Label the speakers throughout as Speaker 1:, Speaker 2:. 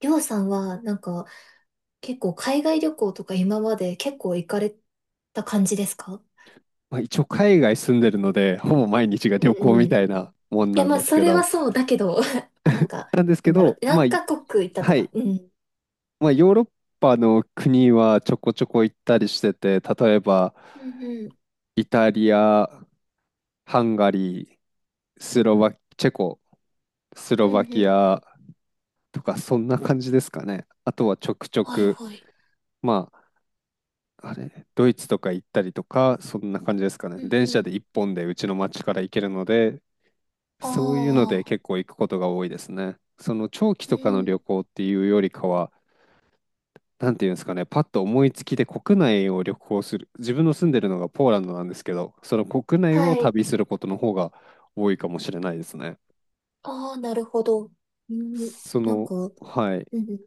Speaker 1: りょうさんは、結構海外旅行とか今まで結構行かれた感じですか？
Speaker 2: まあ、一応海外住んでるので、ほぼ毎日が旅
Speaker 1: う
Speaker 2: 行
Speaker 1: ん
Speaker 2: み
Speaker 1: うん。い
Speaker 2: たいなもん
Speaker 1: や、
Speaker 2: なん
Speaker 1: まあ、
Speaker 2: です
Speaker 1: そ
Speaker 2: け
Speaker 1: れは
Speaker 2: ど、
Speaker 1: そうだけど、あ、なんか、
Speaker 2: まあ、
Speaker 1: 何カ国行ったと
Speaker 2: は
Speaker 1: か。
Speaker 2: い、
Speaker 1: うん。
Speaker 2: まあ、ヨーロッパの国はちょこちょこ行ったりしてて、例えば、
Speaker 1: うんうん。
Speaker 2: イタリア、ハンガリー、スロバ、チェコ、スロ
Speaker 1: うんう
Speaker 2: バキ
Speaker 1: ん。
Speaker 2: アとか、そんな感じですかね。あとはちょくちょ
Speaker 1: はい
Speaker 2: く、
Speaker 1: はい。
Speaker 2: まあ、あれ、ドイツとか行ったりとか、そんな感じですかね。
Speaker 1: うん
Speaker 2: 電
Speaker 1: う
Speaker 2: 車
Speaker 1: ん。
Speaker 2: で一本でうちの町から行けるので、
Speaker 1: あ
Speaker 2: そういうので
Speaker 1: あ、
Speaker 2: 結構行くことが多いですね。その長期
Speaker 1: う
Speaker 2: とかの
Speaker 1: ん。
Speaker 2: 旅行っていうよりかは、なんていうんですかね、パッと思いつきで国内を旅行する、自分の住んでるのがポーランドなんですけど、その国内
Speaker 1: は
Speaker 2: を
Speaker 1: い。
Speaker 2: 旅することの方が多いかもしれないですね。
Speaker 1: ああ、なるほど。うん。
Speaker 2: その、
Speaker 1: うん
Speaker 2: はい、
Speaker 1: うん。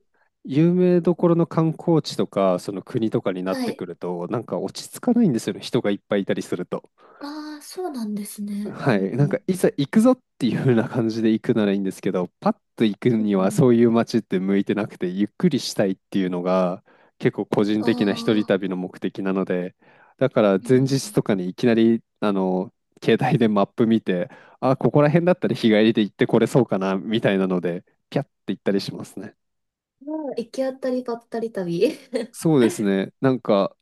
Speaker 2: 有名どころの観光地とか、その国とかになっ
Speaker 1: は
Speaker 2: て
Speaker 1: い。
Speaker 2: くると、なんか落ち着かないんですよね、人がいっぱいいたりすると。
Speaker 1: ああ、そうなんですね。
Speaker 2: は
Speaker 1: うん
Speaker 2: い、
Speaker 1: う
Speaker 2: なんか
Speaker 1: ん。
Speaker 2: いざ行くぞっていう風な感じで行くならいいんですけど、パッと行く
Speaker 1: うん
Speaker 2: に
Speaker 1: う
Speaker 2: はそう
Speaker 1: ん。
Speaker 2: いう街って向いてなくて、ゆっくりしたいっていうのが結構個人的な一人
Speaker 1: ああ、
Speaker 2: 旅の目的なので、だから
Speaker 1: う
Speaker 2: 前
Speaker 1: ん。
Speaker 2: 日とかにいきなりあの携帯でマップ見て、あ、ここら辺だったら日帰りで行ってこれそうかなみたいなので、ピャッて行ったりしますね。
Speaker 1: まあ、行き当たりばったり旅。
Speaker 2: そうですね。なんか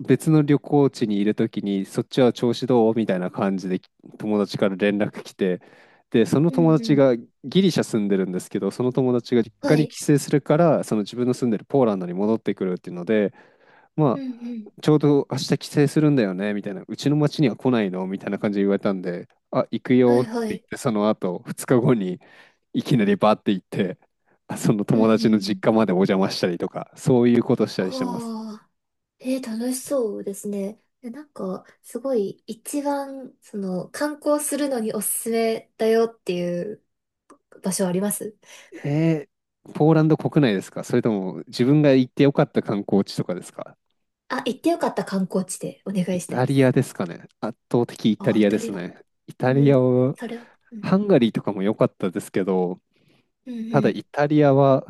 Speaker 2: 別の旅行地にいるときに、そっちは調子どうみたいな感じで友達から連絡来て、で、その
Speaker 1: うん
Speaker 2: 友
Speaker 1: う
Speaker 2: 達
Speaker 1: ん。
Speaker 2: がギリシャ住んでるんですけど、その友達が実
Speaker 1: は
Speaker 2: 家に
Speaker 1: い。
Speaker 2: 帰省するから、その自分の住んでるポーランドに戻ってくるっていうので、
Speaker 1: う
Speaker 2: まあ、
Speaker 1: んうん。
Speaker 2: ちょうど明日帰省するんだよね、みたいな、うちの町には来ないのみたいな感じで言われたんで、あ、行く
Speaker 1: は
Speaker 2: よ
Speaker 1: い
Speaker 2: って
Speaker 1: は
Speaker 2: 言っ
Speaker 1: い。
Speaker 2: て、その後、2日後にいきなりバーって行って、あその
Speaker 1: うん
Speaker 2: 友
Speaker 1: う
Speaker 2: 達の実
Speaker 1: ん。
Speaker 2: 家までお邪魔したりとか、そういうことしたりしてます。
Speaker 1: ああ、えー、楽しそうですね。えなんか、すごい、一番、観光するのにおすすめだよっていう場所あります？
Speaker 2: えー、ポーランド国内ですか？それとも自分が行ってよかった観光地とかですか？
Speaker 1: あ、行ってよかった観光地でお願
Speaker 2: イ
Speaker 1: いしたい
Speaker 2: タ
Speaker 1: で
Speaker 2: リア
Speaker 1: す。
Speaker 2: ですかね、圧倒的イタ
Speaker 1: ああ、
Speaker 2: リ
Speaker 1: イ
Speaker 2: アで
Speaker 1: タ
Speaker 2: す
Speaker 1: リア。
Speaker 2: ね。イ
Speaker 1: う
Speaker 2: タリア
Speaker 1: ん、
Speaker 2: は、
Speaker 1: それは。うん。
Speaker 2: ハンガリーとかも良かったですけど、
Speaker 1: うんう
Speaker 2: ただ
Speaker 1: ん。
Speaker 2: イタリアは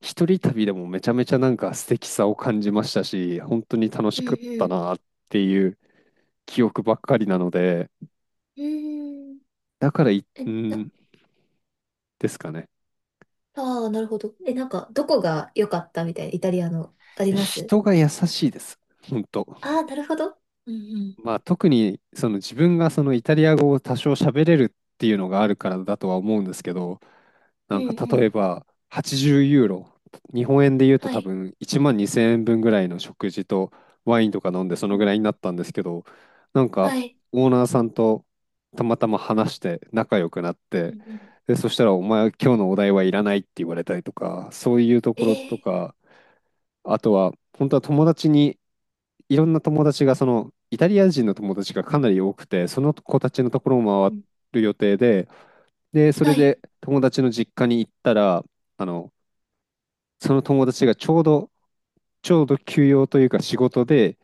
Speaker 2: 一人旅でもめちゃめちゃなんか素敵さを感じましたし、本当に楽し
Speaker 1: うん
Speaker 2: かっ
Speaker 1: う
Speaker 2: た
Speaker 1: ん。
Speaker 2: なっていう記憶ばっかりなので、
Speaker 1: うーん。
Speaker 2: だから
Speaker 1: え、
Speaker 2: う
Speaker 1: な、
Speaker 2: んですかね。
Speaker 1: ああ、なるほど。え、なんか、どこが良かったみたいな、イタリアの、あります？
Speaker 2: 人が優しいです。本当。
Speaker 1: ああー、なるほど。うんうん。
Speaker 2: まあ、特にその自分がそのイタリア語を多少喋れるっていうのがあるからだとは思うんですけど、
Speaker 1: う
Speaker 2: な
Speaker 1: ん
Speaker 2: んか
Speaker 1: う
Speaker 2: 例え
Speaker 1: ん。
Speaker 2: ば80ユーロ、日本円で言うと
Speaker 1: は
Speaker 2: 多
Speaker 1: い。
Speaker 2: 分1万2000円分ぐらいの食事とワインとか飲んでそ
Speaker 1: う
Speaker 2: のぐ
Speaker 1: ん。
Speaker 2: らいになったんですけど、なんか
Speaker 1: はい。
Speaker 2: オーナーさんとたまたま話して仲良くなっ
Speaker 1: う
Speaker 2: て、
Speaker 1: んうん。
Speaker 2: で、そしたらお前は今日のお題はいらないって言われたりとか、そういうと
Speaker 1: え
Speaker 2: ころと
Speaker 1: ー、
Speaker 2: か、あとは本当は友達にいろんな友達が、その、イタリア人の友達がかなり多くて、その子たちのところを
Speaker 1: う
Speaker 2: 回
Speaker 1: ん。
Speaker 2: る予定で、で、それ
Speaker 1: はい。
Speaker 2: で友達の実家に行ったら、あの、その友達がちょうど、休養というか仕事で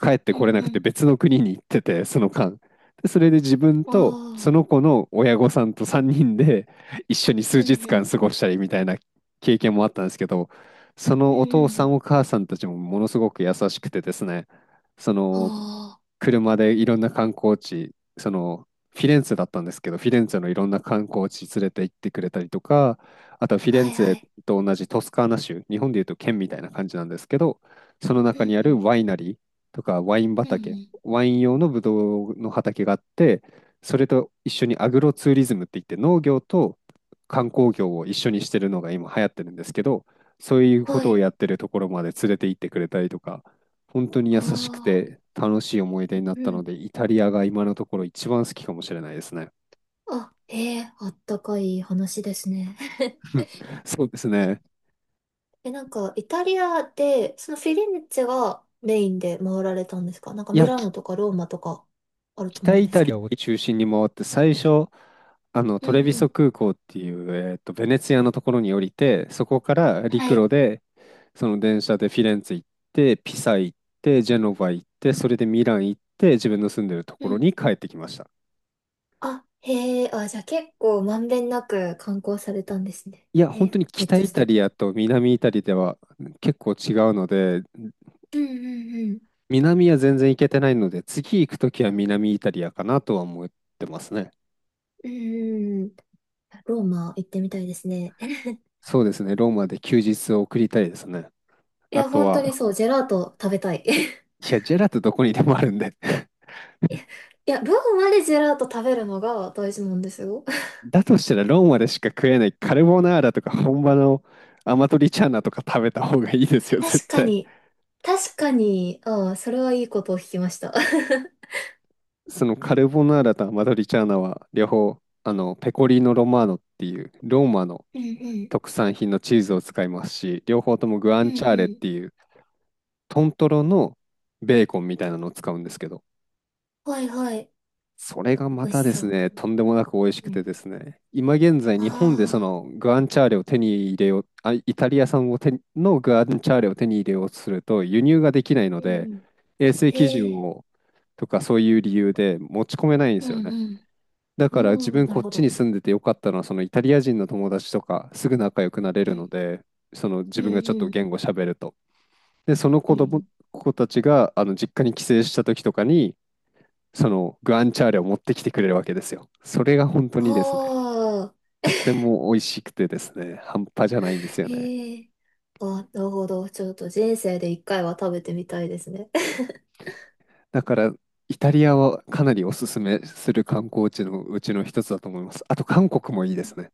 Speaker 2: 帰って
Speaker 1: う
Speaker 2: これ
Speaker 1: ん
Speaker 2: な
Speaker 1: う
Speaker 2: くて
Speaker 1: ん。
Speaker 2: 別の国に行ってて、その間。で、それで自分
Speaker 1: あ
Speaker 2: とそ
Speaker 1: あ。
Speaker 2: の子の親御さんと3人で一緒に数
Speaker 1: うん
Speaker 2: 日
Speaker 1: う
Speaker 2: 間
Speaker 1: ん。
Speaker 2: 過ごしたりみたいな経験もあったんですけど、そ
Speaker 1: う
Speaker 2: の
Speaker 1: ん
Speaker 2: お父
Speaker 1: う
Speaker 2: さ
Speaker 1: ん。
Speaker 2: んお母さんたちもものすごく優しくてですね、その、
Speaker 1: あ
Speaker 2: 車でいろんな観光地、そのフィレンツェだったんですけど、フィレンツェのいろんな観光地連れて行ってくれたりとか、あとはフィ
Speaker 1: あ。
Speaker 2: レン
Speaker 1: はい
Speaker 2: ツ
Speaker 1: は
Speaker 2: ェ
Speaker 1: い。
Speaker 2: と同じトスカーナ州、日本でいうと県みたいな感じなんですけど、その
Speaker 1: うん
Speaker 2: 中
Speaker 1: う
Speaker 2: にある
Speaker 1: ん。
Speaker 2: ワイナリーとかワイン
Speaker 1: うんう
Speaker 2: 畑、
Speaker 1: ん。
Speaker 2: ワイン用のブドウの畑があって、それと一緒にアグロツーリズムって言って農業と観光業を一緒にしてるのが今流行ってるんですけど、そういうこ
Speaker 1: は
Speaker 2: とを
Speaker 1: い。
Speaker 2: やってるところまで連れて行ってくれたりとか、本当に
Speaker 1: あ
Speaker 2: 優しく
Speaker 1: あ。
Speaker 2: て楽しい思い出になっ
Speaker 1: うんうん。え、うん。はい。
Speaker 2: た
Speaker 1: うんう
Speaker 2: の
Speaker 1: ん。
Speaker 2: で、イタリアが今のところ一番好きかもしれないですね。
Speaker 1: あ、ええ、あったかい話ですね。
Speaker 2: そうですね。
Speaker 1: え、なんか、イタリアで、そのフィレンツェがメインで回られたんですか？なんか
Speaker 2: い
Speaker 1: ミ
Speaker 2: や、
Speaker 1: ラ
Speaker 2: き
Speaker 1: ノとかローマとかあると
Speaker 2: 北
Speaker 1: 思うん
Speaker 2: イ
Speaker 1: です
Speaker 2: タリ
Speaker 1: け
Speaker 2: ア
Speaker 1: ど。
Speaker 2: を中心に回って、最初、あの
Speaker 1: う
Speaker 2: ト
Speaker 1: ん
Speaker 2: レビ
Speaker 1: う
Speaker 2: ソ
Speaker 1: ん。
Speaker 2: 空港っていう、ベネツィアのところに降りて、そこから陸
Speaker 1: はい。
Speaker 2: 路で、その電車でフィレンツェ行って、ピサ行って、ジェノバ行って、
Speaker 1: うん
Speaker 2: それでミラン行って、自分の住んでるとこ
Speaker 1: う
Speaker 2: ろ
Speaker 1: ん。
Speaker 2: に帰ってきました。
Speaker 1: あ、へえ、あ、じゃあ結構まんべんなく観光されたんですね。
Speaker 2: いや、
Speaker 1: へ
Speaker 2: 本
Speaker 1: え、
Speaker 2: 当に
Speaker 1: めっ
Speaker 2: 北
Speaker 1: ちゃ
Speaker 2: イ
Speaker 1: 素
Speaker 2: タリ
Speaker 1: 敵。
Speaker 2: アと南イタリアでは結構違うので、
Speaker 1: うんうん。
Speaker 2: 南は全然行けてないので、次行くときは南イタリアかなとは思ってますね。
Speaker 1: うん。うんうん。ローマ行ってみたいですね。
Speaker 2: そうですね、ローマで休日を送りたいですね。
Speaker 1: い
Speaker 2: あ
Speaker 1: や、
Speaker 2: と
Speaker 1: 本当に
Speaker 2: は、
Speaker 1: そう、ジェラート食べたい。
Speaker 2: いや、ジェラートどこにでもあるんで。
Speaker 1: いや、いやローマでジェラート食べるのが大事なんですよ。
Speaker 2: だとしたらローマでしか食えないカルボナーラとか本場のアマトリチャーナとか食べた方がいいです よ、絶
Speaker 1: 確か
Speaker 2: 対。
Speaker 1: に、確かに、ああ、それはいいことを聞きました。
Speaker 2: そのカルボナーラとアマトリチャーナは両方、あの、ペコリーノ・ロマーノっていうローマの
Speaker 1: うんうん、
Speaker 2: 特産品のチーズを使いますし、両方ともグア
Speaker 1: うん
Speaker 2: ンチャー
Speaker 1: う
Speaker 2: レっ
Speaker 1: ん。
Speaker 2: ていうトントロのベーコンみたいなのを使うんですけど、
Speaker 1: はいはい。
Speaker 2: それがま
Speaker 1: 美味し
Speaker 2: たで
Speaker 1: そ
Speaker 2: す
Speaker 1: う。
Speaker 2: ね、とんでもなく美味しく
Speaker 1: う
Speaker 2: て
Speaker 1: ん。
Speaker 2: ですね、今現在日本でそ
Speaker 1: ああ、
Speaker 2: のグアンチャーレを手に入れよう、あ、イタリア産を手にのグアンチャーレを手に入れようとすると輸入ができないの
Speaker 1: うんう
Speaker 2: で、
Speaker 1: ん。
Speaker 2: 衛生基
Speaker 1: え
Speaker 2: 準
Speaker 1: え、
Speaker 2: をとかそういう理由で持ち込めないんで
Speaker 1: う
Speaker 2: すよ
Speaker 1: ん
Speaker 2: ね。
Speaker 1: うん。
Speaker 2: だ
Speaker 1: あ
Speaker 2: から自
Speaker 1: あ、
Speaker 2: 分
Speaker 1: な
Speaker 2: こ
Speaker 1: る
Speaker 2: っ
Speaker 1: ほ
Speaker 2: ちに
Speaker 1: ど。
Speaker 2: 住んでてよかったのは、そのイタリア人の友達とかすぐ仲良くなれ
Speaker 1: う
Speaker 2: る
Speaker 1: ん
Speaker 2: ので、その
Speaker 1: う
Speaker 2: 自分がちょっと
Speaker 1: ん。
Speaker 2: 言語喋ると。で、その
Speaker 1: うん。
Speaker 2: 子たちが、あの、実家に帰省した時とかに、その、グアンチャーレを持ってきてくれるわけですよ。それが本当
Speaker 1: あ
Speaker 2: にですね、
Speaker 1: あ、
Speaker 2: とっても美味しくてですね、半端じゃないんですよね。
Speaker 1: へえ。あ、なるほど。ちょっと人生で一回は食べてみたいですね。
Speaker 2: だから、イタリアはかなりおすすめする観光地のうちの一つだと思います。あと、韓国もいいですね。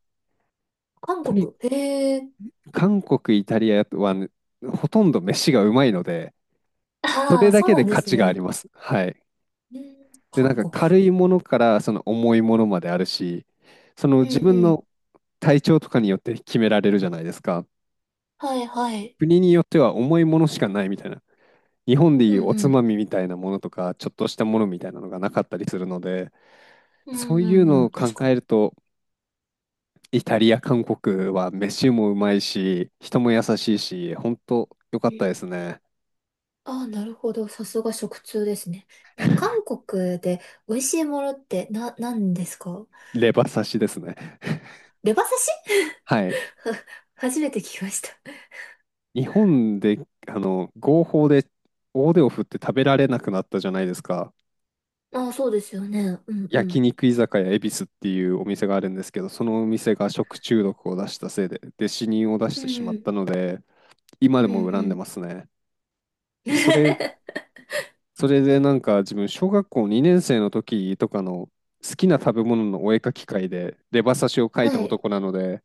Speaker 1: 韓
Speaker 2: とに
Speaker 1: 国。へえ。
Speaker 2: 韓国、イタリアは、ね、ほとんど飯がうまいので、そ
Speaker 1: あ
Speaker 2: れ
Speaker 1: あ、
Speaker 2: だ
Speaker 1: そう
Speaker 2: け
Speaker 1: な
Speaker 2: で
Speaker 1: んで
Speaker 2: 価
Speaker 1: す
Speaker 2: 値があり
Speaker 1: ね。
Speaker 2: ます。はい。
Speaker 1: うん、
Speaker 2: で、なん
Speaker 1: 韓
Speaker 2: か
Speaker 1: 国。
Speaker 2: 軽いものからその重いものまであるし、その
Speaker 1: う
Speaker 2: 自
Speaker 1: ん
Speaker 2: 分
Speaker 1: うん。
Speaker 2: の体調とかによって決められるじゃないですか。
Speaker 1: はいはい。
Speaker 2: 国によっては重いものしかないみたいな。日本で
Speaker 1: う
Speaker 2: い
Speaker 1: ん
Speaker 2: うお
Speaker 1: う
Speaker 2: つ
Speaker 1: ん。
Speaker 2: まみみたいなものとか、ちょっとしたものみたいなのがなかったりするので、
Speaker 1: う
Speaker 2: そう
Speaker 1: んう
Speaker 2: いう
Speaker 1: ん。う
Speaker 2: のを
Speaker 1: ん。
Speaker 2: 考
Speaker 1: 確かに。
Speaker 2: えると、イタリア、韓国は飯もうまいし、人も優しいし、本当良か
Speaker 1: う
Speaker 2: った
Speaker 1: ん。
Speaker 2: ですね。
Speaker 1: ああ、なるほど。さすが食通ですね。なんか韓国で美味しいものって何ですか？
Speaker 2: レバ刺しですね。
Speaker 1: レバ刺し？
Speaker 2: はい。
Speaker 1: 初めて聞きました。
Speaker 2: 日本で、あの、合法で大手を振って食べられなくなったじゃないですか。
Speaker 1: ああ、そうですよね。うんう
Speaker 2: 焼
Speaker 1: ん。
Speaker 2: 肉居酒屋恵比寿っていうお店があるんですけど、そのお店が食中毒を出したせいで、で、死人を出し
Speaker 1: う
Speaker 2: てしまっ
Speaker 1: ん、
Speaker 2: たので、今で
Speaker 1: うん、う
Speaker 2: も恨んで
Speaker 1: ん。
Speaker 2: ますね。で、それでなんか自分、小学校2年生の時とかの好きな食べ物のお絵描き会で、レバ刺しを描いた
Speaker 1: はい。
Speaker 2: 男なので、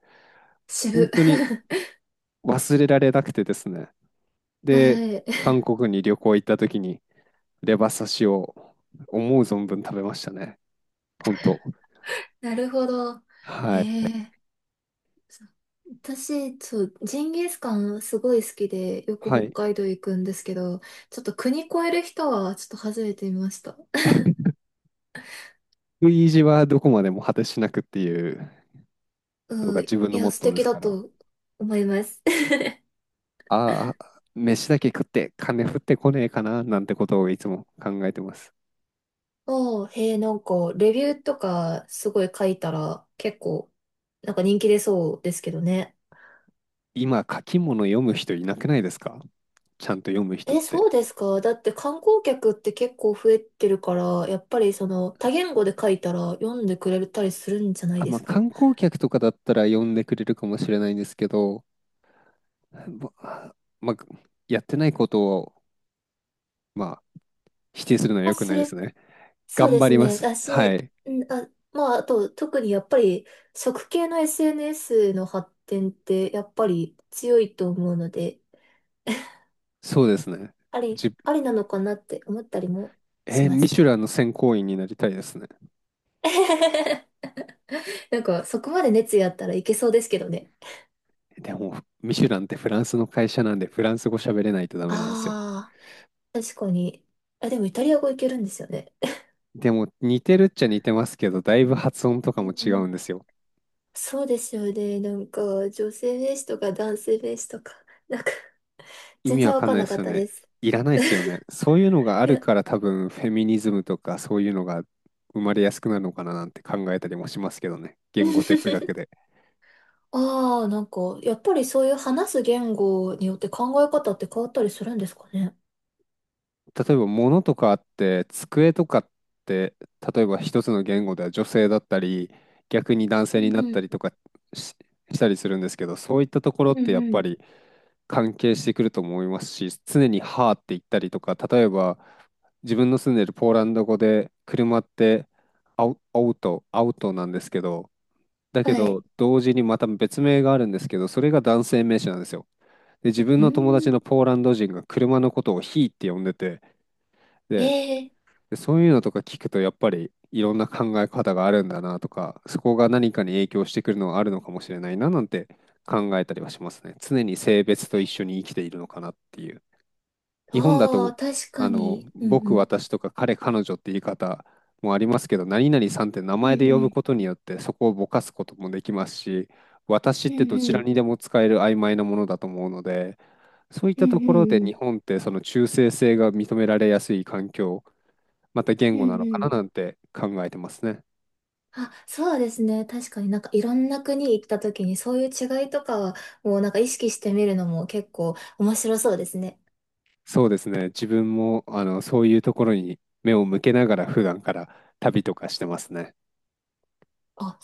Speaker 2: 本
Speaker 1: 渋。
Speaker 2: 当に 忘れられなくてですね。で、
Speaker 1: はい。
Speaker 2: 韓 国に旅行行った時に、レバ刺しを思う存分食べましたね。本当。
Speaker 1: なるほど。
Speaker 2: はい。
Speaker 1: ええ、そう、私、そう、ジンギスカンすごい好きで、よく
Speaker 2: は
Speaker 1: 北
Speaker 2: い。
Speaker 1: 海道行くんですけど、ちょっと国越える人はちょっと初めて見ました。
Speaker 2: 食い意地はどこまでも果てしなくっていうのが
Speaker 1: うん、
Speaker 2: 自分
Speaker 1: い
Speaker 2: のモ
Speaker 1: や、
Speaker 2: ッ
Speaker 1: 素
Speaker 2: トーで
Speaker 1: 敵
Speaker 2: す
Speaker 1: だ
Speaker 2: から、
Speaker 1: と思います。
Speaker 2: ああ、飯だけ食って金降ってこねえかななんてことをいつも考えてます。
Speaker 1: おー、へえ、なんか、レビューとかすごい書いたら結構、なんか人気出そうですけどね。
Speaker 2: 今、書き物読む人いなくないですか、ちゃんと読む人っ
Speaker 1: え、そ
Speaker 2: て。
Speaker 1: うですか？だって観光客って結構増えてるから、やっぱりその多言語で書いたら読んでくれたりするんじゃない
Speaker 2: あ、
Speaker 1: で
Speaker 2: まあ、
Speaker 1: すか？
Speaker 2: 観光客とかだったら読んでくれるかもしれないんですけど、ままあ、やってないことを、まあ、否定するのは
Speaker 1: あ、
Speaker 2: 良く
Speaker 1: そ
Speaker 2: ないで
Speaker 1: れ、
Speaker 2: すね。
Speaker 1: そう
Speaker 2: 頑
Speaker 1: で
Speaker 2: 張
Speaker 1: す
Speaker 2: りま
Speaker 1: ね。
Speaker 2: す。
Speaker 1: だ
Speaker 2: は
Speaker 1: し、
Speaker 2: い。
Speaker 1: んあ、まあ、あと特にやっぱり食系の SNS の発展ってやっぱり強いと思うので、
Speaker 2: そうですね。じ、
Speaker 1: ありなのかなって思ったりもし
Speaker 2: えー
Speaker 1: ま
Speaker 2: ミ
Speaker 1: す。
Speaker 2: シュランの選考員になりたいですね。
Speaker 1: なんかそこまで熱意あったらいけそうですけどね。
Speaker 2: でも、ミシュランってフランスの会社なんで、フランス語喋れないとダメなんですよ。
Speaker 1: ああ、確かに。あ、でもイタリア語いけるんですよね。
Speaker 2: でも、似てるっちゃ似てますけど、だいぶ発音と
Speaker 1: う
Speaker 2: かも違う
Speaker 1: ん、
Speaker 2: んですよ。
Speaker 1: そうですよね。なんか、女性名詞とか男性名詞とか、なんか、
Speaker 2: 意
Speaker 1: 全
Speaker 2: 味わ
Speaker 1: 然わ
Speaker 2: かん
Speaker 1: かん
Speaker 2: ないで
Speaker 1: なか
Speaker 2: す
Speaker 1: っ
Speaker 2: よ
Speaker 1: た
Speaker 2: ね。
Speaker 1: です。
Speaker 2: いらないですよね。そういうのが あ
Speaker 1: い
Speaker 2: る
Speaker 1: や、
Speaker 2: から多分、フェミニズムとかそういうのが生まれやすくなるのかななんて考えたりもしますけどね。言語哲学 で。
Speaker 1: ああ、なんか、やっぱりそういう話す言語によって考え方って変わったりするんですかね？
Speaker 2: 例えば、物とかあって、机とかって、例えば一つの言語では女性だったり、逆に男
Speaker 1: う
Speaker 2: 性に
Speaker 1: ん
Speaker 2: なっ
Speaker 1: う
Speaker 2: た
Speaker 1: ん。
Speaker 2: りとかし、したりするんですけど、そういったところ
Speaker 1: う
Speaker 2: ってや
Speaker 1: ん
Speaker 2: っ
Speaker 1: う
Speaker 2: ぱ
Speaker 1: ん。
Speaker 2: り関係してくると思いますし、常にはーって言ったりとか、例えば自分の住んでるポーランド語で車ってアウトなんですけど、だけ
Speaker 1: は
Speaker 2: ど
Speaker 1: い。
Speaker 2: 同時にまた別名があるんですけど、それが男性名詞なんですよ。で、自分
Speaker 1: うー
Speaker 2: の友達の
Speaker 1: ん。
Speaker 2: ポーランド人が車のことをヒーって呼んでて、
Speaker 1: え
Speaker 2: で、
Speaker 1: え、
Speaker 2: で、そういうのとか聞くと、やっぱりいろんな考え方があるんだなとか、そこが何かに影響してくるのはあるのかもしれないななんて考えたりはしますね。常に性別と一緒に生きているのかなっていう。日本だ
Speaker 1: あ
Speaker 2: と、
Speaker 1: あー、確かに。うんう
Speaker 2: 僕、
Speaker 1: ん。
Speaker 2: 私とか彼、彼女って言い方もありますけど、何々さんって名
Speaker 1: うんう
Speaker 2: 前で呼ぶ
Speaker 1: ん。
Speaker 2: ことによってそこをぼかすこともできますし、私っ
Speaker 1: うん
Speaker 2: てどち
Speaker 1: う
Speaker 2: ら
Speaker 1: ん。
Speaker 2: にでも使える曖昧なものだと思うので、そういっ
Speaker 1: う
Speaker 2: た
Speaker 1: ん
Speaker 2: と
Speaker 1: うん
Speaker 2: こ
Speaker 1: う
Speaker 2: ろで
Speaker 1: んう
Speaker 2: 日
Speaker 1: ん。
Speaker 2: 本ってその中性性が認められやすい環境、また言
Speaker 1: う
Speaker 2: 語
Speaker 1: ん
Speaker 2: なの
Speaker 1: う
Speaker 2: か
Speaker 1: ん。
Speaker 2: ななんて考えてますね。
Speaker 1: あ、そうですね。確かになんかいろんな国行った時にそういう違いとかはもうなんか意識してみるのも結構面白そうですね。
Speaker 2: そうですね。自分もそういうところに目を向けながら普段から旅とかしてますね。
Speaker 1: あ、